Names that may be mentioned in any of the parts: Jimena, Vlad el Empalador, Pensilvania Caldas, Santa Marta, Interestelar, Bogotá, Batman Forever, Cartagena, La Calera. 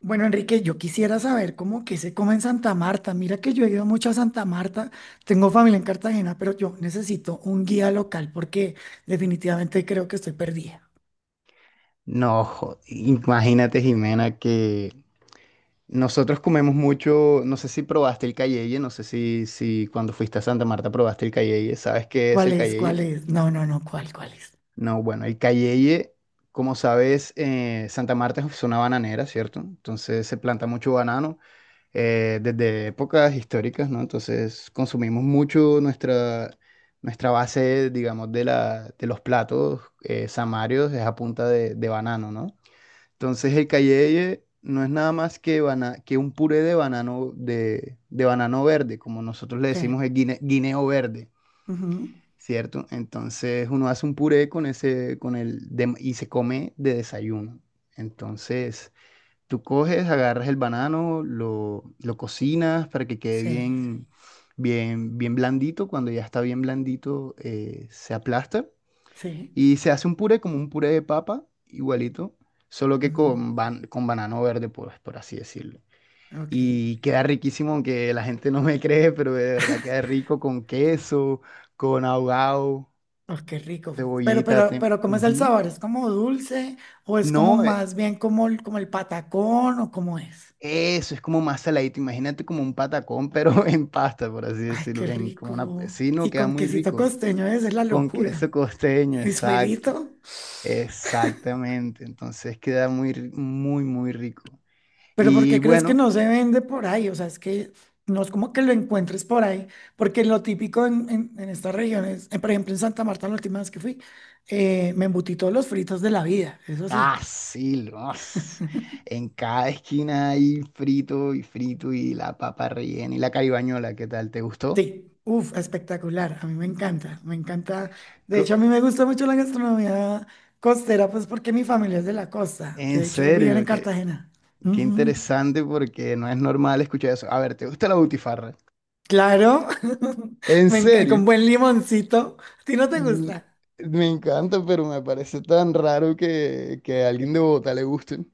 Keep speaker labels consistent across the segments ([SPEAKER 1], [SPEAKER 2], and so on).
[SPEAKER 1] Bueno, Enrique, yo quisiera saber cómo que se come en Santa Marta. Mira que yo he ido mucho a Santa Marta, tengo familia en Cartagena, pero yo necesito un guía local porque definitivamente creo que estoy perdida.
[SPEAKER 2] No, jo- imagínate, Jimena, que nosotros comemos mucho. No sé si probaste el cayeye, no sé si cuando fuiste a Santa Marta probaste el cayeye, ¿sabes qué es
[SPEAKER 1] ¿Cuál
[SPEAKER 2] el
[SPEAKER 1] es? ¿Cuál
[SPEAKER 2] cayeye?
[SPEAKER 1] es? No, no, no, ¿cuál? ¿Cuál es?
[SPEAKER 2] No, bueno, el cayeye, como sabes, Santa Marta es una bananera, ¿cierto? Entonces se planta mucho banano desde épocas históricas, ¿no? Entonces consumimos mucho nuestra base, digamos, de de los platos samarios, es a punta de banano, ¿no? Entonces el cayeye no es nada más que, que un puré de banano, de banano verde, como nosotros le
[SPEAKER 1] Sí.
[SPEAKER 2] decimos el guineo verde,
[SPEAKER 1] Ujú.
[SPEAKER 2] ¿cierto? Entonces uno hace un puré con ese, con el y se come de desayuno. Entonces tú coges, agarras el banano, lo cocinas para que quede
[SPEAKER 1] Sí.
[SPEAKER 2] bien, bien blandito. Cuando ya está bien blandito, se aplasta
[SPEAKER 1] Sí.
[SPEAKER 2] y se hace un puré como un puré de papa, igualito, solo que
[SPEAKER 1] Ujú.
[SPEAKER 2] con, con banano verde, pues, por así decirlo.
[SPEAKER 1] Ok.
[SPEAKER 2] Y queda riquísimo, aunque la gente no me cree, pero de verdad queda rico con queso, con ahogado,
[SPEAKER 1] Oh, qué rico.
[SPEAKER 2] cebollita.
[SPEAKER 1] Pero, ¿cómo es el
[SPEAKER 2] Ujú.
[SPEAKER 1] sabor? ¿Es como dulce o es como
[SPEAKER 2] No,
[SPEAKER 1] más bien como el patacón o cómo es?
[SPEAKER 2] eso es como más saladito. Imagínate como un patacón, pero en pasta, por así
[SPEAKER 1] Ay, qué
[SPEAKER 2] decirlo. En, como una...
[SPEAKER 1] rico.
[SPEAKER 2] Sí, no,
[SPEAKER 1] Y
[SPEAKER 2] queda
[SPEAKER 1] con
[SPEAKER 2] muy
[SPEAKER 1] quesito
[SPEAKER 2] rico.
[SPEAKER 1] costeño, esa es la
[SPEAKER 2] Con
[SPEAKER 1] locura.
[SPEAKER 2] queso costeño, exacto.
[SPEAKER 1] Esperito,
[SPEAKER 2] Exactamente. Entonces queda muy, muy, muy rico.
[SPEAKER 1] pero ¿por
[SPEAKER 2] Y
[SPEAKER 1] qué crees que
[SPEAKER 2] bueno,
[SPEAKER 1] no se vende por ahí? O sea, es que no es como que lo encuentres por ahí, porque lo típico en estas regiones, por ejemplo en Santa Marta, la última vez que fui, me embutí todos los fritos de la vida, eso sí,
[SPEAKER 2] ah, sí, los. En cada esquina hay frito y frito y la papa rellena y la caibañola, ¿qué tal? ¿Te gustó?
[SPEAKER 1] sí, uff, espectacular, a mí me encanta, me encanta. De
[SPEAKER 2] Co-
[SPEAKER 1] hecho, a mí me gusta mucho la gastronomía costera, pues porque mi familia es de la costa,
[SPEAKER 2] En
[SPEAKER 1] de hecho, viven en
[SPEAKER 2] serio, qué,
[SPEAKER 1] Cartagena.
[SPEAKER 2] qué
[SPEAKER 1] Ujú.
[SPEAKER 2] interesante porque no es normal escuchar eso. A ver, ¿te gusta la butifarra?
[SPEAKER 1] Claro,
[SPEAKER 2] En
[SPEAKER 1] me encanta,
[SPEAKER 2] serio.
[SPEAKER 1] con buen limoncito, ¿a ti no te
[SPEAKER 2] Mm,
[SPEAKER 1] gusta?
[SPEAKER 2] me encanta, pero me parece tan raro que a alguien de Bogotá le guste.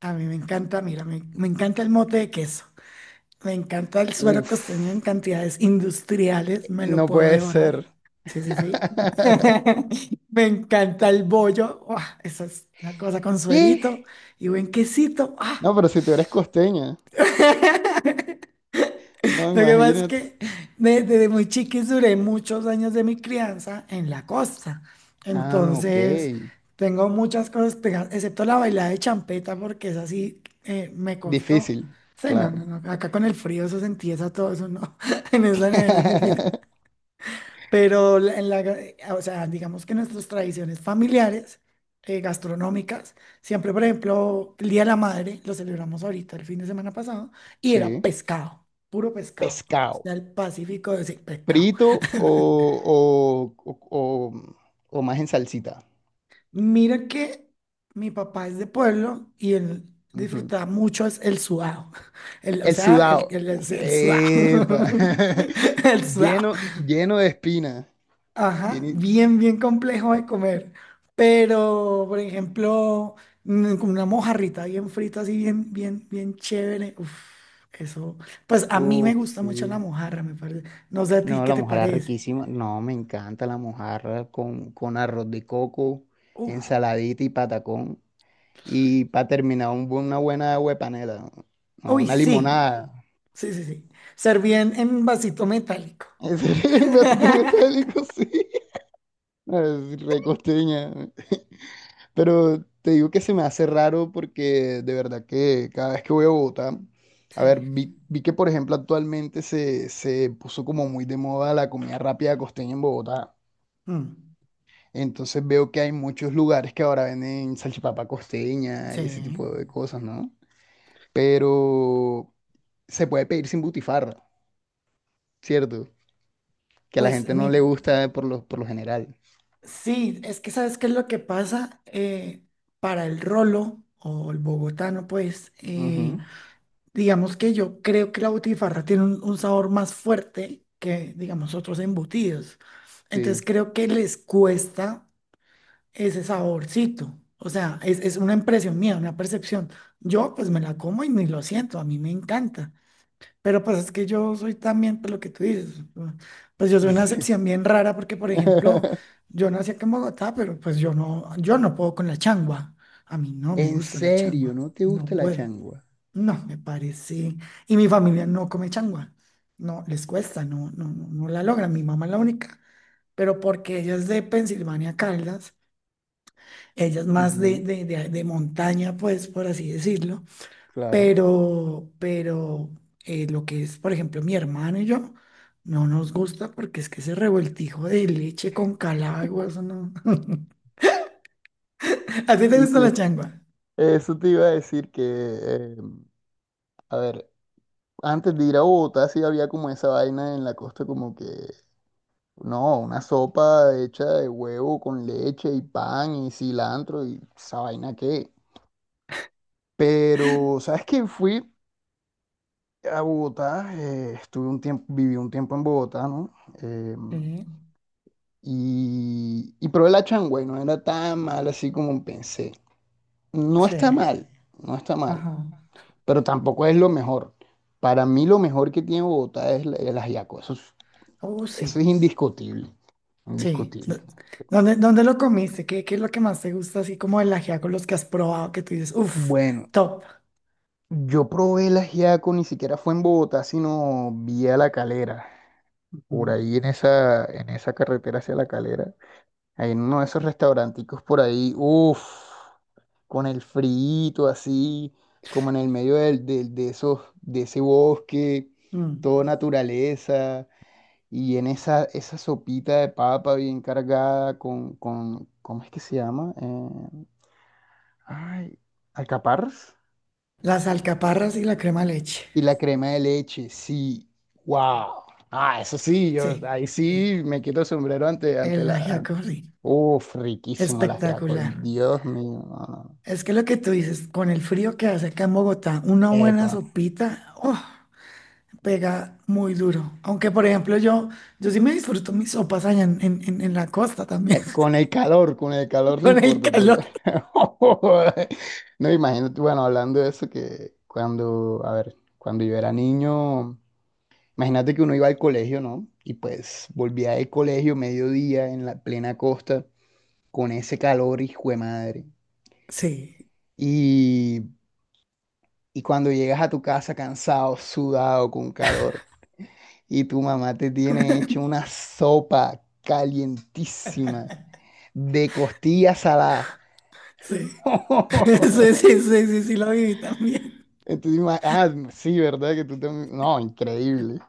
[SPEAKER 1] A mí me encanta, mira, me encanta el mote de queso, me encanta el suero
[SPEAKER 2] Uf,
[SPEAKER 1] costeño en cantidades industriales, me lo
[SPEAKER 2] no
[SPEAKER 1] puedo
[SPEAKER 2] puede
[SPEAKER 1] devorar.
[SPEAKER 2] ser.
[SPEAKER 1] Sí, sí, sí. Me encanta el bollo, ¡ah!, eso es una cosa con
[SPEAKER 2] ¿Qué?
[SPEAKER 1] suerito y buen quesito. ¡Ah!
[SPEAKER 2] No, pero si tú eres costeña, no
[SPEAKER 1] Lo que pasa es
[SPEAKER 2] imagínate.
[SPEAKER 1] que desde muy chiquis duré muchos años de mi crianza en la costa.
[SPEAKER 2] Ah, ok.
[SPEAKER 1] Entonces, tengo muchas cosas pegadas, excepto la bailada de champeta, porque es así, me costó.
[SPEAKER 2] Difícil,
[SPEAKER 1] Sí, no, no,
[SPEAKER 2] claro.
[SPEAKER 1] no. Acá con el frío eso se empieza todo eso, no. En esa nevera es difícil. Pero o sea, digamos que nuestras tradiciones familiares, gastronómicas, siempre, por ejemplo, el Día de la Madre, lo celebramos ahorita, el fin de semana pasado, y era
[SPEAKER 2] Sí.
[SPEAKER 1] pescado, puro pescado. O sea,
[SPEAKER 2] Pescado.
[SPEAKER 1] el Pacífico de ese pescado.
[SPEAKER 2] Frito o más en salsita.
[SPEAKER 1] Mira que mi papá es de pueblo y él
[SPEAKER 2] Ujú.
[SPEAKER 1] disfrutaba mucho es el sudado. El, o
[SPEAKER 2] El
[SPEAKER 1] sea,
[SPEAKER 2] sudado.
[SPEAKER 1] el sudado.
[SPEAKER 2] Epa.
[SPEAKER 1] El sudado.
[SPEAKER 2] Lleno, lleno de espina.
[SPEAKER 1] Ajá,
[SPEAKER 2] Lleni-
[SPEAKER 1] bien, bien complejo de comer. Pero, por ejemplo, con una mojarrita bien frita, así bien, bien, bien chévere. Uf, eso. Pues a mí me
[SPEAKER 2] Uf,
[SPEAKER 1] gusta mucho la
[SPEAKER 2] sí.
[SPEAKER 1] mojarra, me parece. No sé a ti
[SPEAKER 2] No,
[SPEAKER 1] qué
[SPEAKER 2] la
[SPEAKER 1] te
[SPEAKER 2] mojarra
[SPEAKER 1] parece.
[SPEAKER 2] riquísima. No, me encanta la mojarra con arroz de coco,
[SPEAKER 1] Uf.
[SPEAKER 2] ensaladita y patacón. Y para terminar, un una buena agua de panela, ¿no? No,
[SPEAKER 1] Uy,
[SPEAKER 2] una
[SPEAKER 1] sí.
[SPEAKER 2] limonada.
[SPEAKER 1] Sí, sí, sí. Serví en vasito metálico.
[SPEAKER 2] En serio, así tú me estás delico, sí. No, es re costeña. Pero te digo que se me hace raro porque de verdad que cada vez que voy a Bogotá, a
[SPEAKER 1] Sí.
[SPEAKER 2] ver, vi que por ejemplo actualmente se puso como muy de moda la comida rápida costeña en Bogotá.
[SPEAKER 1] Mm,
[SPEAKER 2] Entonces veo que hay muchos lugares que ahora venden salchipapa costeña y ese
[SPEAKER 1] sí.
[SPEAKER 2] tipo de cosas, ¿no? Pero se puede pedir sin butifarra. Cierto, que a la
[SPEAKER 1] Pues
[SPEAKER 2] gente no le
[SPEAKER 1] mi,
[SPEAKER 2] gusta por lo general.
[SPEAKER 1] sí, es que ¿sabes qué es lo que pasa? Para el rolo o el bogotano, pues,
[SPEAKER 2] Ujú,
[SPEAKER 1] digamos que yo creo que la butifarra tiene un sabor más fuerte que, digamos, otros embutidos.
[SPEAKER 2] sí,
[SPEAKER 1] Entonces creo que les cuesta ese saborcito. O sea, es una impresión mía, una percepción. Yo pues me la como y ni lo siento, a mí me encanta. Pero pues es que yo soy también, pues lo que tú dices, ¿no? Pues yo soy una
[SPEAKER 2] sí.
[SPEAKER 1] excepción bien rara porque, por ejemplo, yo nací aquí en Bogotá, pero pues yo no puedo con la changua. A mí no me
[SPEAKER 2] En
[SPEAKER 1] gusta la
[SPEAKER 2] serio,
[SPEAKER 1] changua,
[SPEAKER 2] ¿no te
[SPEAKER 1] no
[SPEAKER 2] gusta la
[SPEAKER 1] puedo,
[SPEAKER 2] changua?
[SPEAKER 1] no me parece. Y mi familia no come changua, no les cuesta, no, no, no, no la logran. Mi mamá es la única, pero porque ella es de Pensilvania Caldas, ella es más de,
[SPEAKER 2] Ujú,
[SPEAKER 1] de, de de montaña, pues por así decirlo.
[SPEAKER 2] claro.
[SPEAKER 1] Pero lo que es, por ejemplo, mi hermano y yo, no nos gusta porque es que ese revoltijo de leche con calagua, eso no. ¿A ti te
[SPEAKER 2] Y
[SPEAKER 1] gusta
[SPEAKER 2] sí,
[SPEAKER 1] la changua?
[SPEAKER 2] eso te iba a decir que, a ver, antes de ir a Bogotá sí había como esa vaina en la costa como que, no, una sopa hecha de huevo con leche y pan y cilantro y esa vaina qué. Pero, ¿sabes qué? Fui a Bogotá, estuve un tiempo, viví un tiempo en Bogotá, ¿no? Eh,
[SPEAKER 1] Sí.
[SPEAKER 2] y y probé la changua y no era tan mal así como pensé. No
[SPEAKER 1] Sí.
[SPEAKER 2] está mal, no está mal,
[SPEAKER 1] Ajá.
[SPEAKER 2] pero tampoco es lo mejor. Para mí lo mejor que tiene Bogotá es el ajiaco,
[SPEAKER 1] Oh,
[SPEAKER 2] eso
[SPEAKER 1] sí,
[SPEAKER 2] es indiscutible,
[SPEAKER 1] sí.
[SPEAKER 2] indiscutible.
[SPEAKER 1] ¿Dónde, dónde lo comiste? ¿Qué, qué es lo que más te gusta, así como el ajiaco, los que has probado, que tú dices, uff,
[SPEAKER 2] Bueno,
[SPEAKER 1] top?
[SPEAKER 2] yo probé el ajiaco, ni siquiera fue en Bogotá, sino vía La Calera, por
[SPEAKER 1] Ujú.
[SPEAKER 2] ahí en esa carretera hacia La Calera. Hay uno de esos restauranticos por ahí, uff, con el frito así, como en el medio de esos, de ese bosque,
[SPEAKER 1] Mm.
[SPEAKER 2] todo naturaleza, y en esa sopita de papa bien cargada con, ¿cómo es que se llama? Ay, alcaparras.
[SPEAKER 1] Las alcaparras y la crema de leche.
[SPEAKER 2] Y la crema de leche, sí, wow. Ah, eso sí, yo
[SPEAKER 1] Sí,
[SPEAKER 2] ahí
[SPEAKER 1] sí.
[SPEAKER 2] sí me quito el sombrero ante, ante
[SPEAKER 1] El
[SPEAKER 2] la...
[SPEAKER 1] ajiaco,
[SPEAKER 2] ante-
[SPEAKER 1] sí.
[SPEAKER 2] Uf, riquísimo las ajiaco,
[SPEAKER 1] Espectacular.
[SPEAKER 2] Dios mío. No, no, no.
[SPEAKER 1] Es que lo que tú dices, con el frío que hace acá en Bogotá, una buena
[SPEAKER 2] Epa.
[SPEAKER 1] sopita, ¡oh!, pega muy duro. Aunque, por ejemplo, yo sí me disfruto mis sopas allá en la costa también,
[SPEAKER 2] Con el calor no
[SPEAKER 1] con el
[SPEAKER 2] importa. Te
[SPEAKER 1] calor.
[SPEAKER 2] la- No, imagínate, bueno, hablando de eso, que cuando, a ver, cuando yo era niño, imagínate que uno iba al colegio, ¿no? Y pues volvía del colegio mediodía en la plena costa con ese calor, hijo de madre.
[SPEAKER 1] Sí,
[SPEAKER 2] Y, y cuando llegas a tu casa cansado, sudado, con calor, y tu mamá te tiene hecho una sopa calientísima de costillas saladas
[SPEAKER 1] sí, sí, sí, sí, sí, sí, lo viví también.
[SPEAKER 2] Entonces, ima- ah, sí, ¿verdad? Que tú también. No, increíble.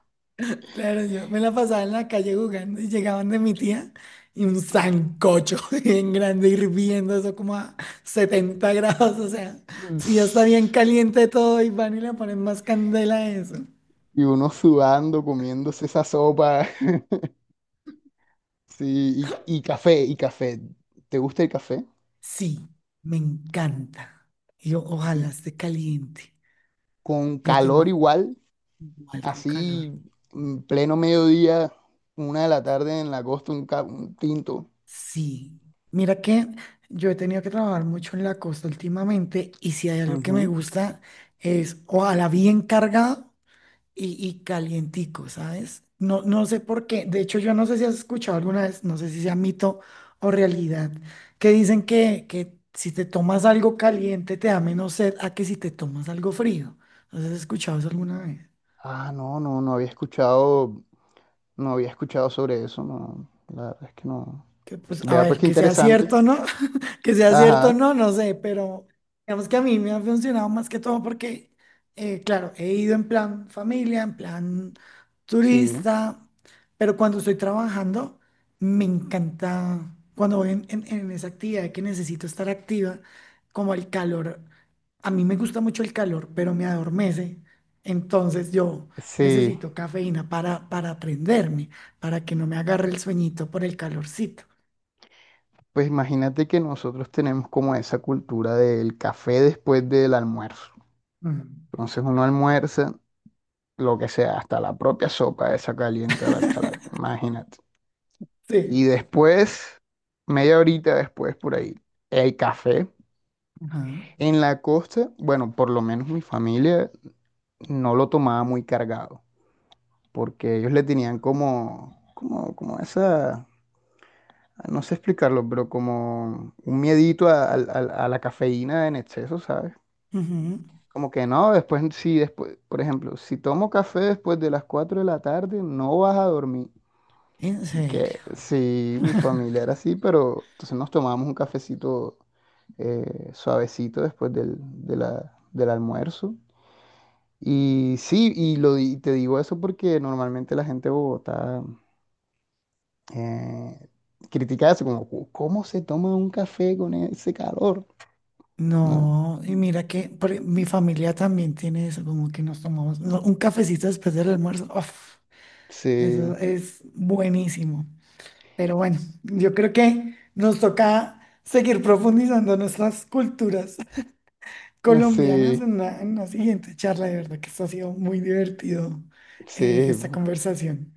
[SPEAKER 1] Claro, yo me la pasaba en la calle jugando y llegaban de mi tía y un sancocho bien grande hirviendo, eso como a 70 grados, o sea, si ya está bien caliente todo y van y le ponen más candela a eso.
[SPEAKER 2] Y uno sudando, comiéndose esa sopa. Sí, y café, y café. ¿Te gusta el café?
[SPEAKER 1] Sí, me encanta. Yo ojalá esté caliente.
[SPEAKER 2] Con
[SPEAKER 1] Yo tengo
[SPEAKER 2] calor igual,
[SPEAKER 1] mal con calor.
[SPEAKER 2] así, en pleno mediodía, una de la tarde en la costa, un, un tinto.
[SPEAKER 1] Sí. Mira que yo he tenido que trabajar mucho en la costa últimamente y si hay algo que me
[SPEAKER 2] Ujú.
[SPEAKER 1] gusta es ojalá bien cargado y calientico, ¿sabes? No, no sé por qué. De hecho, yo no sé si has escuchado alguna vez, no sé si sea mito o realidad, que dicen que si te tomas algo caliente te da menos sed a que si te tomas algo frío. ¿No sé si has escuchado eso alguna vez?
[SPEAKER 2] Ah, no, no, no había escuchado, no había escuchado sobre eso, no. La verdad es que no.
[SPEAKER 1] Que pues, a
[SPEAKER 2] Vea, pues
[SPEAKER 1] ver,
[SPEAKER 2] qué
[SPEAKER 1] que sea
[SPEAKER 2] interesante.
[SPEAKER 1] cierto, ¿no? Que sea cierto o
[SPEAKER 2] Ajá,
[SPEAKER 1] no, no sé, pero digamos que a mí me ha funcionado más que todo porque, claro, he ido en plan familia, en plan
[SPEAKER 2] sí.
[SPEAKER 1] turista, pero cuando estoy trabajando, me encanta, cuando voy en esa actividad que necesito estar activa, como el calor, a mí me gusta mucho el calor, pero me adormece, entonces yo
[SPEAKER 2] Sí,
[SPEAKER 1] necesito cafeína para prenderme, para que no me agarre el sueñito por el calorcito.
[SPEAKER 2] pues imagínate que nosotros tenemos como esa cultura del café después del almuerzo.
[SPEAKER 1] Mm.
[SPEAKER 2] Entonces uno almuerza lo que sea, hasta la propia sopa esa caliente a la cara, imagínate. Y
[SPEAKER 1] Sí.
[SPEAKER 2] después, media horita después por ahí, el café.
[SPEAKER 1] Ajá.
[SPEAKER 2] En la costa, bueno, por lo menos mi familia no lo tomaba muy cargado, porque ellos le tenían como, como, como esa... No sé explicarlo, pero como un miedito a, a la cafeína en exceso, ¿sabes?
[SPEAKER 1] Ujú.
[SPEAKER 2] Como que no, después, si después, por ejemplo, si tomo café después de las 4 de la tarde, no vas a dormir.
[SPEAKER 1] En
[SPEAKER 2] Y que
[SPEAKER 1] serio.
[SPEAKER 2] sí, mi familia era así, pero entonces nos tomábamos un cafecito suavecito después del, de del almuerzo. Y sí, di- te digo eso porque normalmente la gente de Bogotá eh, critica eso, como, "Cu- ¿cómo se toma un café con ese calor? ¿No?
[SPEAKER 1] No, y mira que por mi familia también tiene eso, como que nos tomamos no, un cafecito después del almuerzo. Uf, eso
[SPEAKER 2] Sí,
[SPEAKER 1] es buenísimo. Pero bueno, yo creo que nos toca seguir profundizando nuestras culturas colombianas
[SPEAKER 2] sí,
[SPEAKER 1] en una siguiente charla. De verdad que esto ha sido muy divertido,
[SPEAKER 2] sí.
[SPEAKER 1] esta conversación.